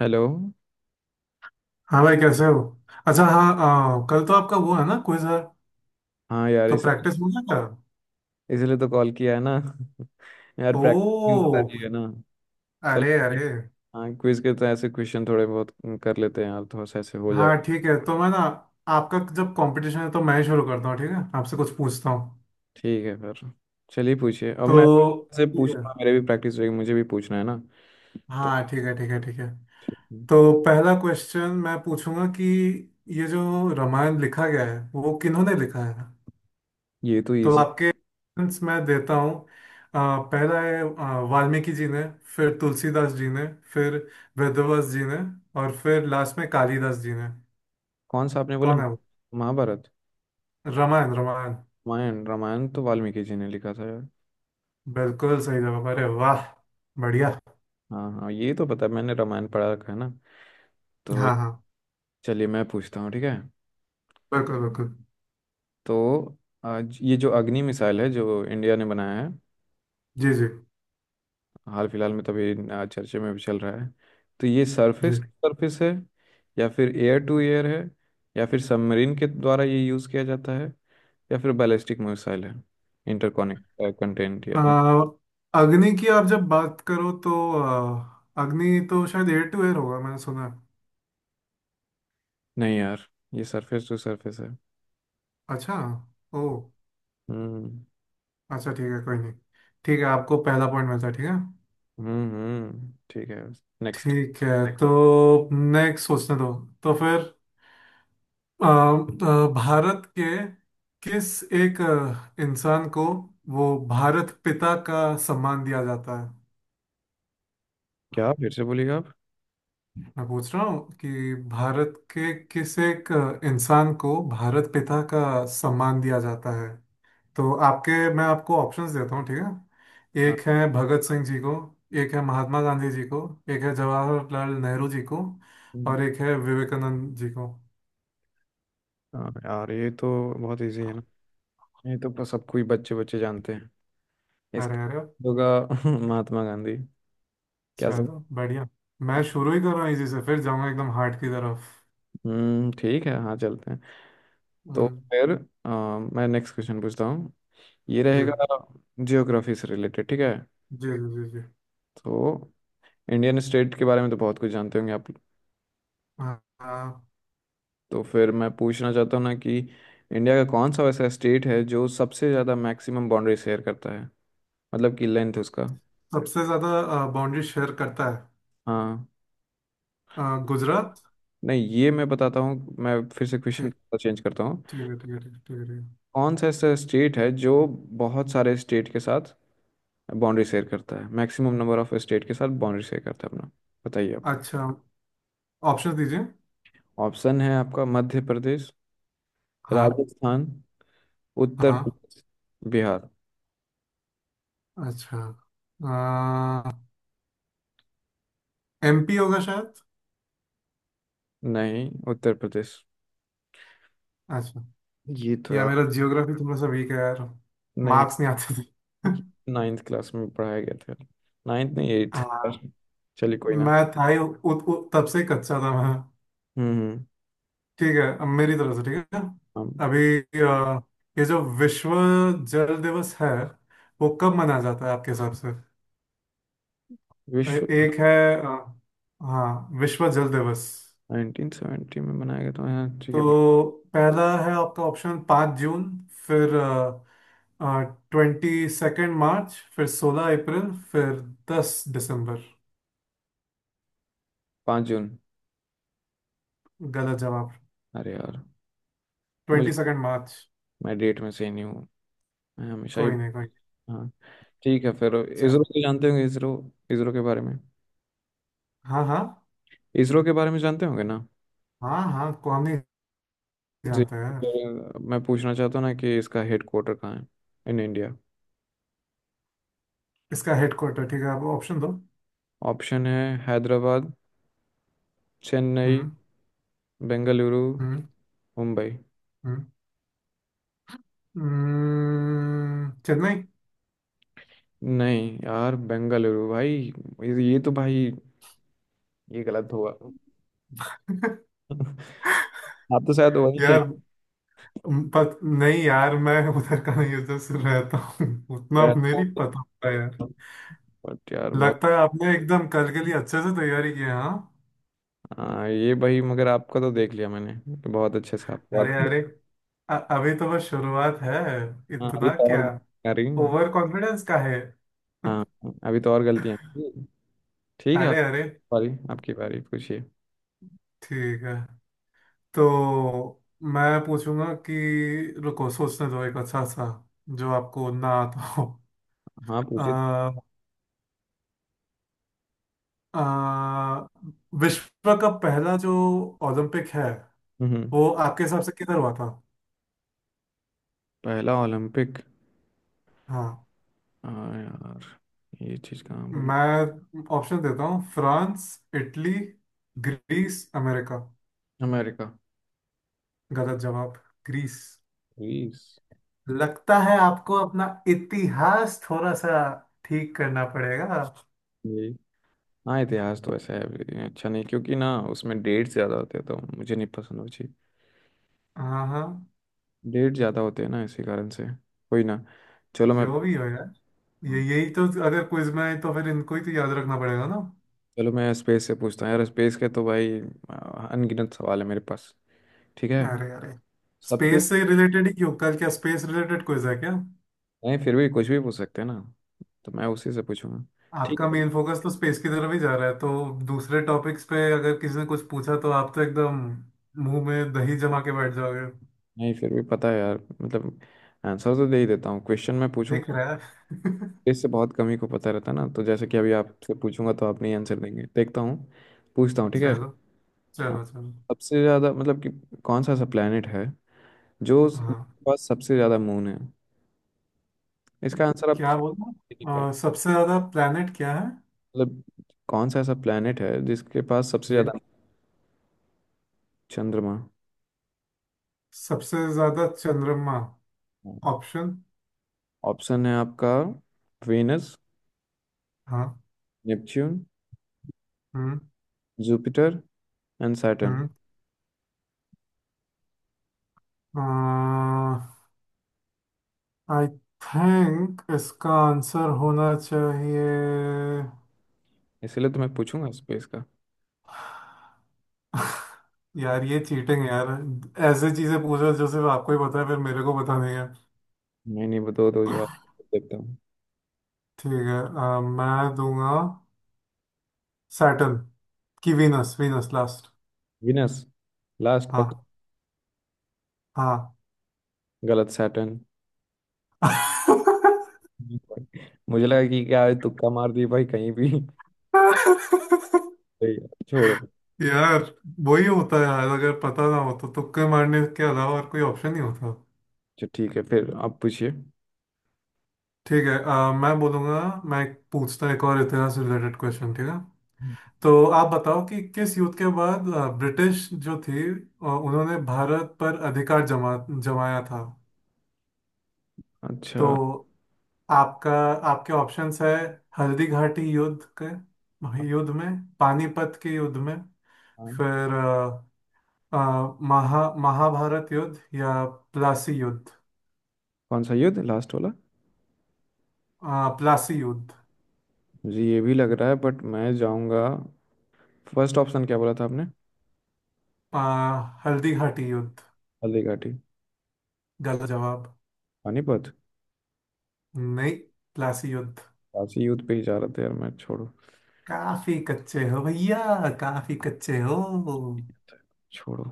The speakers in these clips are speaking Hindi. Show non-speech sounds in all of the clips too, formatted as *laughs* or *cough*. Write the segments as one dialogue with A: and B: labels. A: हेलो।
B: हाँ भाई, कैसे हो? अच्छा। हाँ, कल तो आपका वो है ना, क्विज है?
A: हाँ यार,
B: तो
A: इस
B: प्रैक्टिस हो गया क्या?
A: इसलिए तो कॉल किया है ना। *laughs* यार,
B: ओ।
A: प्रैक्टिस नहीं हो पा रही है ना। चल,
B: अरे अरे।
A: हाँ क्विज के तो ऐसे क्वेश्चन थोड़े बहुत कर लेते हैं यार, थोड़ा सा ऐसे हो
B: हाँ
A: जाएगा।
B: ठीक है, तो मैं ना आपका जब कंपटीशन है तो मैं ही शुरू करता हूँ, ठीक है? आपसे कुछ पूछता हूँ।
A: ठीक है फिर, चलिए पूछिए। अब मैं
B: तो
A: से
B: ठीक है।
A: पूछना, मेरे भी प्रैक्टिस रहेगी, मुझे भी पूछना है ना। तो
B: हाँ ठीक है, ठीक है, ठीक है। तो पहला क्वेश्चन मैं पूछूंगा कि ये जो रामायण लिखा गया है वो किन्होंने लिखा है?
A: ये तो
B: तो
A: इजी।
B: आपके options मैं देता हूँ। पहला है वाल्मीकि जी ने, फिर तुलसीदास जी ने, फिर वेदव्यास जी ने, और फिर लास्ट में कालिदास जी ने।
A: कौन सा आपने बोला,
B: कौन है वो?
A: महाभारत?
B: रामायण, रामायण।
A: रामायण रामायण तो वाल्मीकि जी ने लिखा था यार।
B: बिल्कुल सही जवाब, अरे वाह, बढ़िया।
A: हाँ हाँ, ये तो पता है, मैंने रामायण पढ़ा रखा है ना। तो
B: हाँ हाँ।
A: चलिए मैं पूछता हूँ, ठीक है।
B: बिल्कुल बिल्कुल।
A: तो आज ये जो अग्नि मिसाइल है जो इंडिया ने बनाया है,
B: जी जी।
A: हाल फिलहाल में तभी चर्चे में भी चल रहा है। तो ये
B: जी,
A: सरफेस सरफेस है, या फिर एयर टू एयर है, या फिर सबमरीन के द्वारा ये यूज़ किया जाता है, या फिर बैलिस्टिक मिसाइल है। इंटरकॉनेक्ट कंटेंट यार।
B: अ, अग्नि की आप जब बात करो तो, अग्नि तो शायद एयर टू एयर होगा, मैंने सुना है।
A: नहीं यार, ये सरफेस टू सरफेस है।
B: अच्छा। ओ।
A: हम्म
B: अच्छा ठीक है, कोई नहीं। ठीक है, आपको पहला पॉइंट मिलता है, ठीक है।
A: ठीक है। नेक्स्ट।
B: ठीक है। तो नेक्स्ट सोचने दो। तो फिर भारत के किस एक इंसान को वो भारत पिता का सम्मान दिया जाता है?
A: क्या फिर से बोलिएगा आप?
B: मैं पूछ रहा हूँ कि भारत के किस एक इंसान को भारत पिता का सम्मान दिया जाता है? तो आपके, मैं आपको ऑप्शंस देता हूँ, ठीक है?
A: हाँ।
B: एक है भगत सिंह जी को, एक है महात्मा गांधी जी को, एक है जवाहरलाल नेहरू जी को,
A: हम्म।
B: और एक है विवेकानंद जी को।
A: हाँ यार, ये तो बहुत इजी है ना। ये तो सबको ही बच्चे बच्चे जानते हैं। इसका
B: अरे अरे।
A: होगा *laughs* महात्मा गांधी। क्या सर।
B: चलो, बढ़िया। मैं शुरू ही कर रहा हूँ, इसी से फिर जाऊंगा एकदम हार्ड की तरफ।
A: ठीक है, हाँ चलते हैं। तो
B: हम्म,
A: फिर मैं नेक्स्ट क्वेश्चन पूछता हूँ। ये
B: जी
A: रहेगा जियोग्राफी से रिलेटेड, ठीक है।
B: जी जी जी। जी।
A: तो इंडियन स्टेट के बारे में तो बहुत कुछ जानते होंगे आप।
B: हाँ हाँ।
A: तो फिर मैं पूछना चाहता हूँ ना कि इंडिया का कौन सा वैसा स्टेट है जो सबसे ज़्यादा मैक्सिमम बाउंड्री शेयर करता है, मतलब कि लेंथ उसका।
B: सबसे ज्यादा बाउंड्री शेयर करता है,
A: हाँ।
B: अ, गुजरात।
A: नहीं, ये मैं बताता हूँ, मैं फिर से क्वेश्चन
B: ठीक।
A: चेंज करता हूँ।
B: ठीक है, ठीक है, ठीक है, ठीक है, ठीक है।
A: कौन सा ऐसा स्टेट है जो बहुत सारे स्टेट के साथ बाउंड्री शेयर करता है, मैक्सिमम नंबर ऑफ स्टेट के साथ बाउंड्री शेयर करता है अपना। बताइए आप।
B: अच्छा। ऑप्शन दीजिए।
A: ऑप्शन है आपका, मध्य प्रदेश,
B: हाँ
A: राजस्थान, उत्तर
B: हाँ।
A: प्रदेश, बिहार।
B: अच्छा, एमपी होगा शायद।
A: नहीं, उत्तर प्रदेश।
B: अच्छा।
A: ये तो
B: या
A: यार।
B: मेरा जियोग्राफी थोड़ा सा वीक है यार,
A: नहीं,
B: मार्क्स नहीं आते थे। *laughs*
A: नाइन्थ क्लास में पढ़ाया गया था, नाइन्थ नहीं एट्थ
B: हाँ,
A: क्लास में। चलिए कोई ना।
B: मैं था ही उ, उ, तब से ही कच्चा था मैं।
A: हम्म हम्म,
B: ठीक है, अब मेरी तरफ से। ठीक है।
A: हम
B: अभी ये जो विश्व जल दिवस है वो कब मनाया जाता है आपके हिसाब से?
A: विश्व
B: एक है, अ, हाँ, विश्व जल दिवस।
A: 1970 में बनाया गया था, हाँ ठीक है।
B: तो पहला है आपका ऑप्शन 5 जून, फिर 22 मार्च, फिर 16 अप्रैल, फिर 10 दिसंबर।
A: 5 जून।
B: गलत जवाब,
A: अरे यार, मुझे,
B: 22 मार्च।
A: मैं डेट में सही नहीं हूँ, मैं हमेशा ही।
B: कोई नहीं, कोई नहीं।
A: हाँ, ठीक है फिर। इसरो
B: चलो।
A: तो जानते होंगे, इसरो, इसरो के बारे में,
B: हाँ हाँ
A: इसरो के बारे में जानते होंगे ना।
B: हाँ। हाँ को हम नहीं
A: जी,
B: जानते यार।
A: तो मैं पूछना चाहता हूँ ना कि इसका हेड क्वार्टर कहाँ है इन इंडिया।
B: इसका हेडक्वार्टर, ठीक है आप ऑप्शन दो।
A: ऑप्शन है, हैदराबाद, चेन्नई,
B: हम्म।
A: बेंगलुरु,
B: हम्म।
A: मुंबई।
B: हम्म। चेन्नई।
A: नहीं यार, बेंगलुरु भाई। ये तो भाई, ये गलत होगा। *laughs* आप तो शायद वही के
B: यार नहीं यार, मैं उधर का नहीं, उधर से रहता हूँ। *laughs* उतना
A: हैं।
B: मेरी पता होता है यार।
A: बट यार बहुत,
B: लगता है आपने एकदम कल के लिए अच्छे से तैयारी की है, हाँ।
A: हाँ ये भाई, मगर आपका तो देख लिया मैंने, तो बहुत अच्छे से आपको
B: अरे
A: बात किया।
B: अरे। अभी तो बस शुरुआत है,
A: हाँ अभी
B: इतना
A: तो
B: क्या
A: और आ रही।
B: ओवर कॉन्फिडेंस का है।
A: हाँ अभी तो और गलतियाँ, ठीक है
B: अरे अरे।
A: आपकी बारी, आपकी बारी पूछिए।
B: ठीक है, तो मैं पूछूंगा कि, रुको सोचने दो एक अच्छा सा जो आपको ना आता हो।
A: हाँ पूछिए।
B: अ, अ, विश्व का पहला जो ओलंपिक है
A: हम्म हम्म।
B: वो आपके हिसाब से किधर हुआ था?
A: पहला ओलंपिक?
B: हाँ,
A: हाँ यार, ये चीज़ कहाँ बोलो।
B: मैं ऑप्शन देता हूँ, France, Italy, Greece, America.
A: America.
B: गलत जवाब, ग्रीस।
A: ग्रीस।
B: लगता है आपको अपना इतिहास थोड़ा सा ठीक करना पड़ेगा।
A: ये, हाँ इतिहास तो ऐसा है, ये अच्छा नहीं क्योंकि ना उसमें डेट ज़्यादा होते हैं, तो मुझे नहीं पसंद वो चीज़,
B: हाँ हाँ।
A: डेट ज़्यादा होते हैं ना इसी कारण से। कोई ना, चलो मैं
B: जो भी हो यार, ये
A: हाँ।
B: यही तो, अगर क्विज में है तो फिर इनको ही तो याद रखना पड़ेगा ना।
A: चलो मैं स्पेस से पूछता हूँ यार, स्पेस के तो भाई आ, अनगिनत सवाल है मेरे पास, ठीक है।
B: अरे अरे।
A: सबसे,
B: स्पेस से रिलेटेड ही क्यों? कल क्या स्पेस रिलेटेड क्विज है क्या?
A: नहीं फिर भी कुछ भी पूछ सकते हैं ना, तो मैं उसी से पूछूंगा। ठीक
B: आपका
A: है,
B: मेन फोकस तो स्पेस की तरफ ही जा रहा है, तो दूसरे टॉपिक्स पे अगर किसी ने कुछ पूछा तो आप तो एकदम मुंह में दही जमा के बैठ जाओगे।
A: नहीं फिर भी पता है यार, मतलब आंसर तो दे ही देता हूँ, क्वेश्चन मैं
B: दिख
A: पूछूंगा
B: रहा है। *laughs*
A: इससे बहुत कम ही को पता रहता ना, तो जैसे कि अभी आपसे पूछूंगा तो आप नहीं आंसर देंगे, देखता हूँ। पूछता हूँ, ठीक है।
B: चलो
A: हाँ।
B: चलो चलो।
A: सबसे ज़्यादा मतलब कि कौन सा ऐसा प्लेनेट है जो उसके
B: हाँ,
A: पास सबसे ज़्यादा मून है, इसका आंसर आप
B: क्या
A: सब दे नहीं पाएंगे।
B: बोलना, सबसे ज्यादा प्लेनेट क्या है?
A: मतलब कौन सा ऐसा प्लेनेट है जिसके पास सबसे
B: जी।
A: ज़्यादा चंद्रमा?
B: सबसे ज्यादा चंद्रमा? ऑप्शन?
A: ऑप्शन है आपका, वेनस,
B: हाँ।
A: नेपच्यून,
B: हम्म
A: जुपिटर एंड सैटर्न।
B: हम्म। आई थिंक इसका आंसर होना चाहिए।
A: इसीलिए तो मैं पूछूंगा स्पेस का।
B: यार ये चीटिंग है यार, ऐसे चीजें पूछ रहे हो जो सिर्फ आपको ही पता है, फिर मेरे को पता नहीं है।
A: नहीं नहीं, बताओ दो जो आप, देखता हूँ।
B: ठीक है, मैं दूंगा सैटर्न, की Venus, Venus last.
A: Venus last पक।
B: हाँ हाँ।
A: गलत, सैटर्न।
B: *laughs*
A: मुझे लगा कि क्या है, तुक्का मार दिए भाई कहीं भी। सही है, छोड़ो, अच्छा।
B: यार वही होता है यार, अगर पता ना हो तो तुक्के मारने के अलावा और कोई ऑप्शन नहीं होता।
A: ठीक है फिर, आप पूछिए।
B: ठीक है, मैं बोलूंगा, मैं एक पूछता हूं, एक और इतिहास रिलेटेड क्वेश्चन, ठीक है? तो आप बताओ कि किस युद्ध के बाद ब्रिटिश जो थी उन्होंने भारत पर अधिकार जमाया था? तो
A: अच्छा।
B: आपका आपके ऑप्शंस है, हल्दी घाटी युद्ध के युद्ध में, पानीपत के युद्ध में,
A: हाँ,
B: फिर अ, महाभारत युद्ध, या प्लासी युद्ध।
A: कौन सा युद्ध? लास्ट वाला।
B: प्लासी युद्ध?
A: मुझे ये भी लग रहा है, बट मैं जाऊंगा फर्स्ट ऑप्शन। क्या बोला था आपने,
B: अ, हल्दी घाटी युद्ध?
A: हल्दी घाटी?
B: गलत जवाब।
A: पानीपत।
B: नहीं, प्लासी युद्ध।
A: काशी युद्ध पे ही जा रहे थे यार मैं, छोड़ो।
B: काफी कच्चे हो भैया, काफी कच्चे हो।
A: छोड़ो।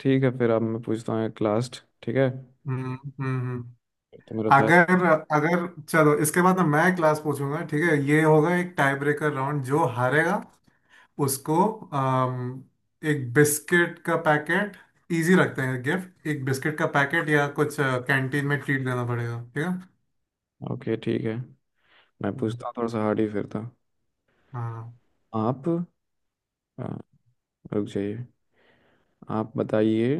A: ठीक है फिर, अब मैं पूछता हूँ एक लास्ट, ठीक है
B: हम्म हम्म हम्म।
A: फिर। तो मेरा शायद,
B: अगर अगर चलो इसके बाद ना, मैं क्लास पूछूंगा, ठीक है? ये होगा एक टाई ब्रेकर राउंड। जो हारेगा उसको अम, एक बिस्किट का पैकेट, इजी रखते हैं गिफ्ट, एक बिस्किट का पैकेट या कुछ कैंटीन में ट्रीट देना पड़ेगा, ठीक है।
A: ओके ठीक है, मैं
B: हम्म,
A: पूछता हूँ थोड़ा सा हार्ड ही फिर था।
B: हाँ।
A: आप, हाँ रुक जाइए, आप बताइए।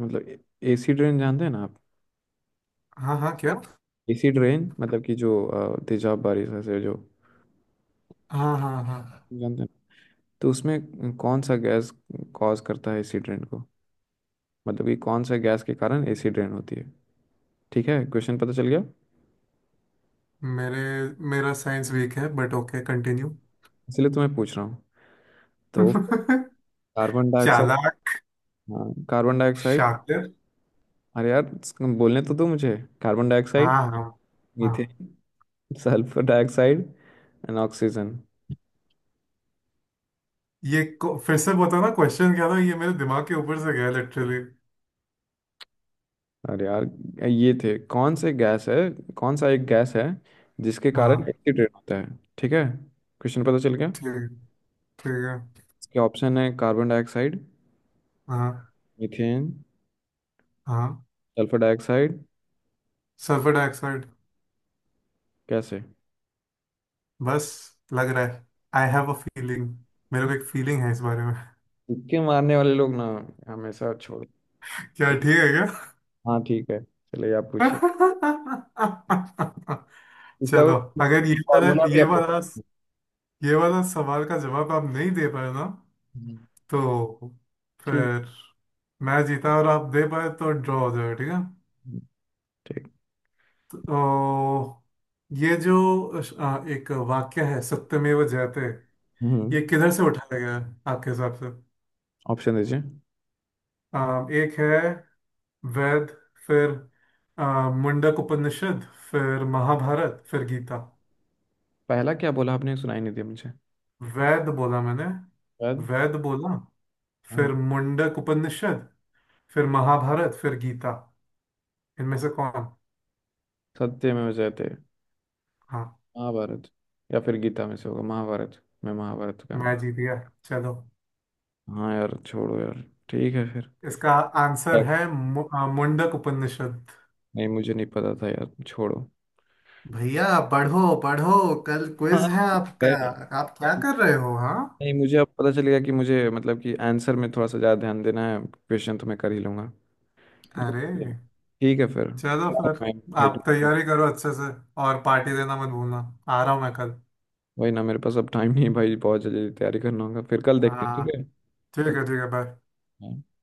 A: मतलब एसी ट्रेन जानते हैं ना आप,
B: हाँ। हाँ, क्या?
A: एसी ड्रेन, मतलब कि जो तेजाब बारिश से, जो
B: हाँ हाँ हाँ।
A: जानते हैं। तो उसमें कौन सा गैस कॉज करता है एसी ड्रेन को, मतलब कि कौन सा गैस के कारण एसी ड्रेन होती है, ठीक है क्वेश्चन पता चल गया।
B: मेरे मेरा साइंस वीक है बट ओके, कंटिन्यू।
A: इसलिए तुम्हें पूछ रहा हूँ। तो
B: *laughs*
A: कार्बन डाइऑक्साइड।
B: चालाक।
A: हाँ, कार्बन डाइऑक्साइड।
B: शातिर।
A: अरे यार, बोलने तो दो मुझे। कार्बन
B: हाँ
A: डाइऑक्साइड,
B: हाँ। हाँ,
A: methane, sulphur dioxide and oxygen.
B: फिर से बताना क्वेश्चन क्या था, ये मेरे दिमाग के ऊपर से गया लिटरली।
A: अरे यार, ये थे कौन से गैस है, कौन सा एक गैस है जिसके कारण
B: हाँ
A: एसी ड्रेन होता है, ठीक है क्वेश्चन पता चल गया।
B: ठीक है, ठीक है।
A: इसके ऑप्शन है, कार्बन डाइऑक्साइड,
B: हाँ
A: मीथेन,
B: हाँ।
A: Sulphur dioxide.
B: Sulphur dioxide.
A: कैसे?
B: बस, लग रहा है। आई हैव अ फीलिंग, मेरे को एक फीलिंग है इस बारे में।
A: तुक्के मारने वाले लोग ना, हमेशा छोड़।
B: *laughs* क्या ठीक है क्या?
A: हाँ ठीक है, चलिए आप पूछिए।
B: *laughs*
A: इसका
B: चलो, अगर
A: फॉर्मूला भी आपको पता-
B: ये वाला सवाल का जवाब आप नहीं दे पाए ना,
A: हम्म,
B: तो
A: ठीक,
B: फिर मैं जीता, और आप दे पाए तो ड्रॉ हो जाएगा, ठीक है।
A: ठीक।
B: तो ये जो एक वाक्य है सत्यमेव जयते,
A: हम्म।
B: ये किधर से उठाया गया है आपके हिसाब से?
A: ऑप्शन दीजिए।
B: एक है वेद, फिर अ, मुंडक उपनिषद, फिर महाभारत, फिर गीता।
A: पहला क्या बोला आपने, सुनाई नहीं दिया मुझे,
B: वेद बोला मैंने,
A: शायद।
B: वेद बोला।
A: हाँ।
B: फिर मुंडक उपनिषद, फिर महाभारत, फिर गीता। इनमें से कौन?
A: सत्य में जयते,
B: हाँ,
A: महाभारत या फिर गीता में से होगा, महाभारत, मैं महाभारत का हूँ।
B: मैं जीत गया। चलो।
A: हाँ यार छोड़ो यार। ठीक है फिर।
B: इसका आंसर है मुंडक उपनिषद।
A: नहीं मुझे नहीं पता था यार, छोड़ो।
B: भैया पढ़ो पढ़ो, कल
A: हाँ
B: क्विज है आपका।
A: ठीक है।
B: आप क्या कर रहे हो हाँ?
A: नहीं मुझे अब पता चलेगा कि मुझे, मतलब कि आंसर में थोड़ा सा ज़्यादा ध्यान देना है, क्वेश्चन तो मैं कर ही लूँगा।
B: अरे,
A: ठीक है फिर
B: चलो
A: *laughs*
B: फिर,
A: भाई
B: आप
A: भाई-
B: तैयारी करो अच्छे से और पार्टी देना मत भूलना। आ रहा हूँ मैं कल।
A: वही ना, मेरे पास अब टाइम नहीं है भाई, बहुत जल्दी तैयारी करना होगा, फिर कल देखते हैं, ठीक
B: हाँ,
A: है।
B: ठीक
A: कल-
B: है, ठीक है, बाय।
A: हाँ।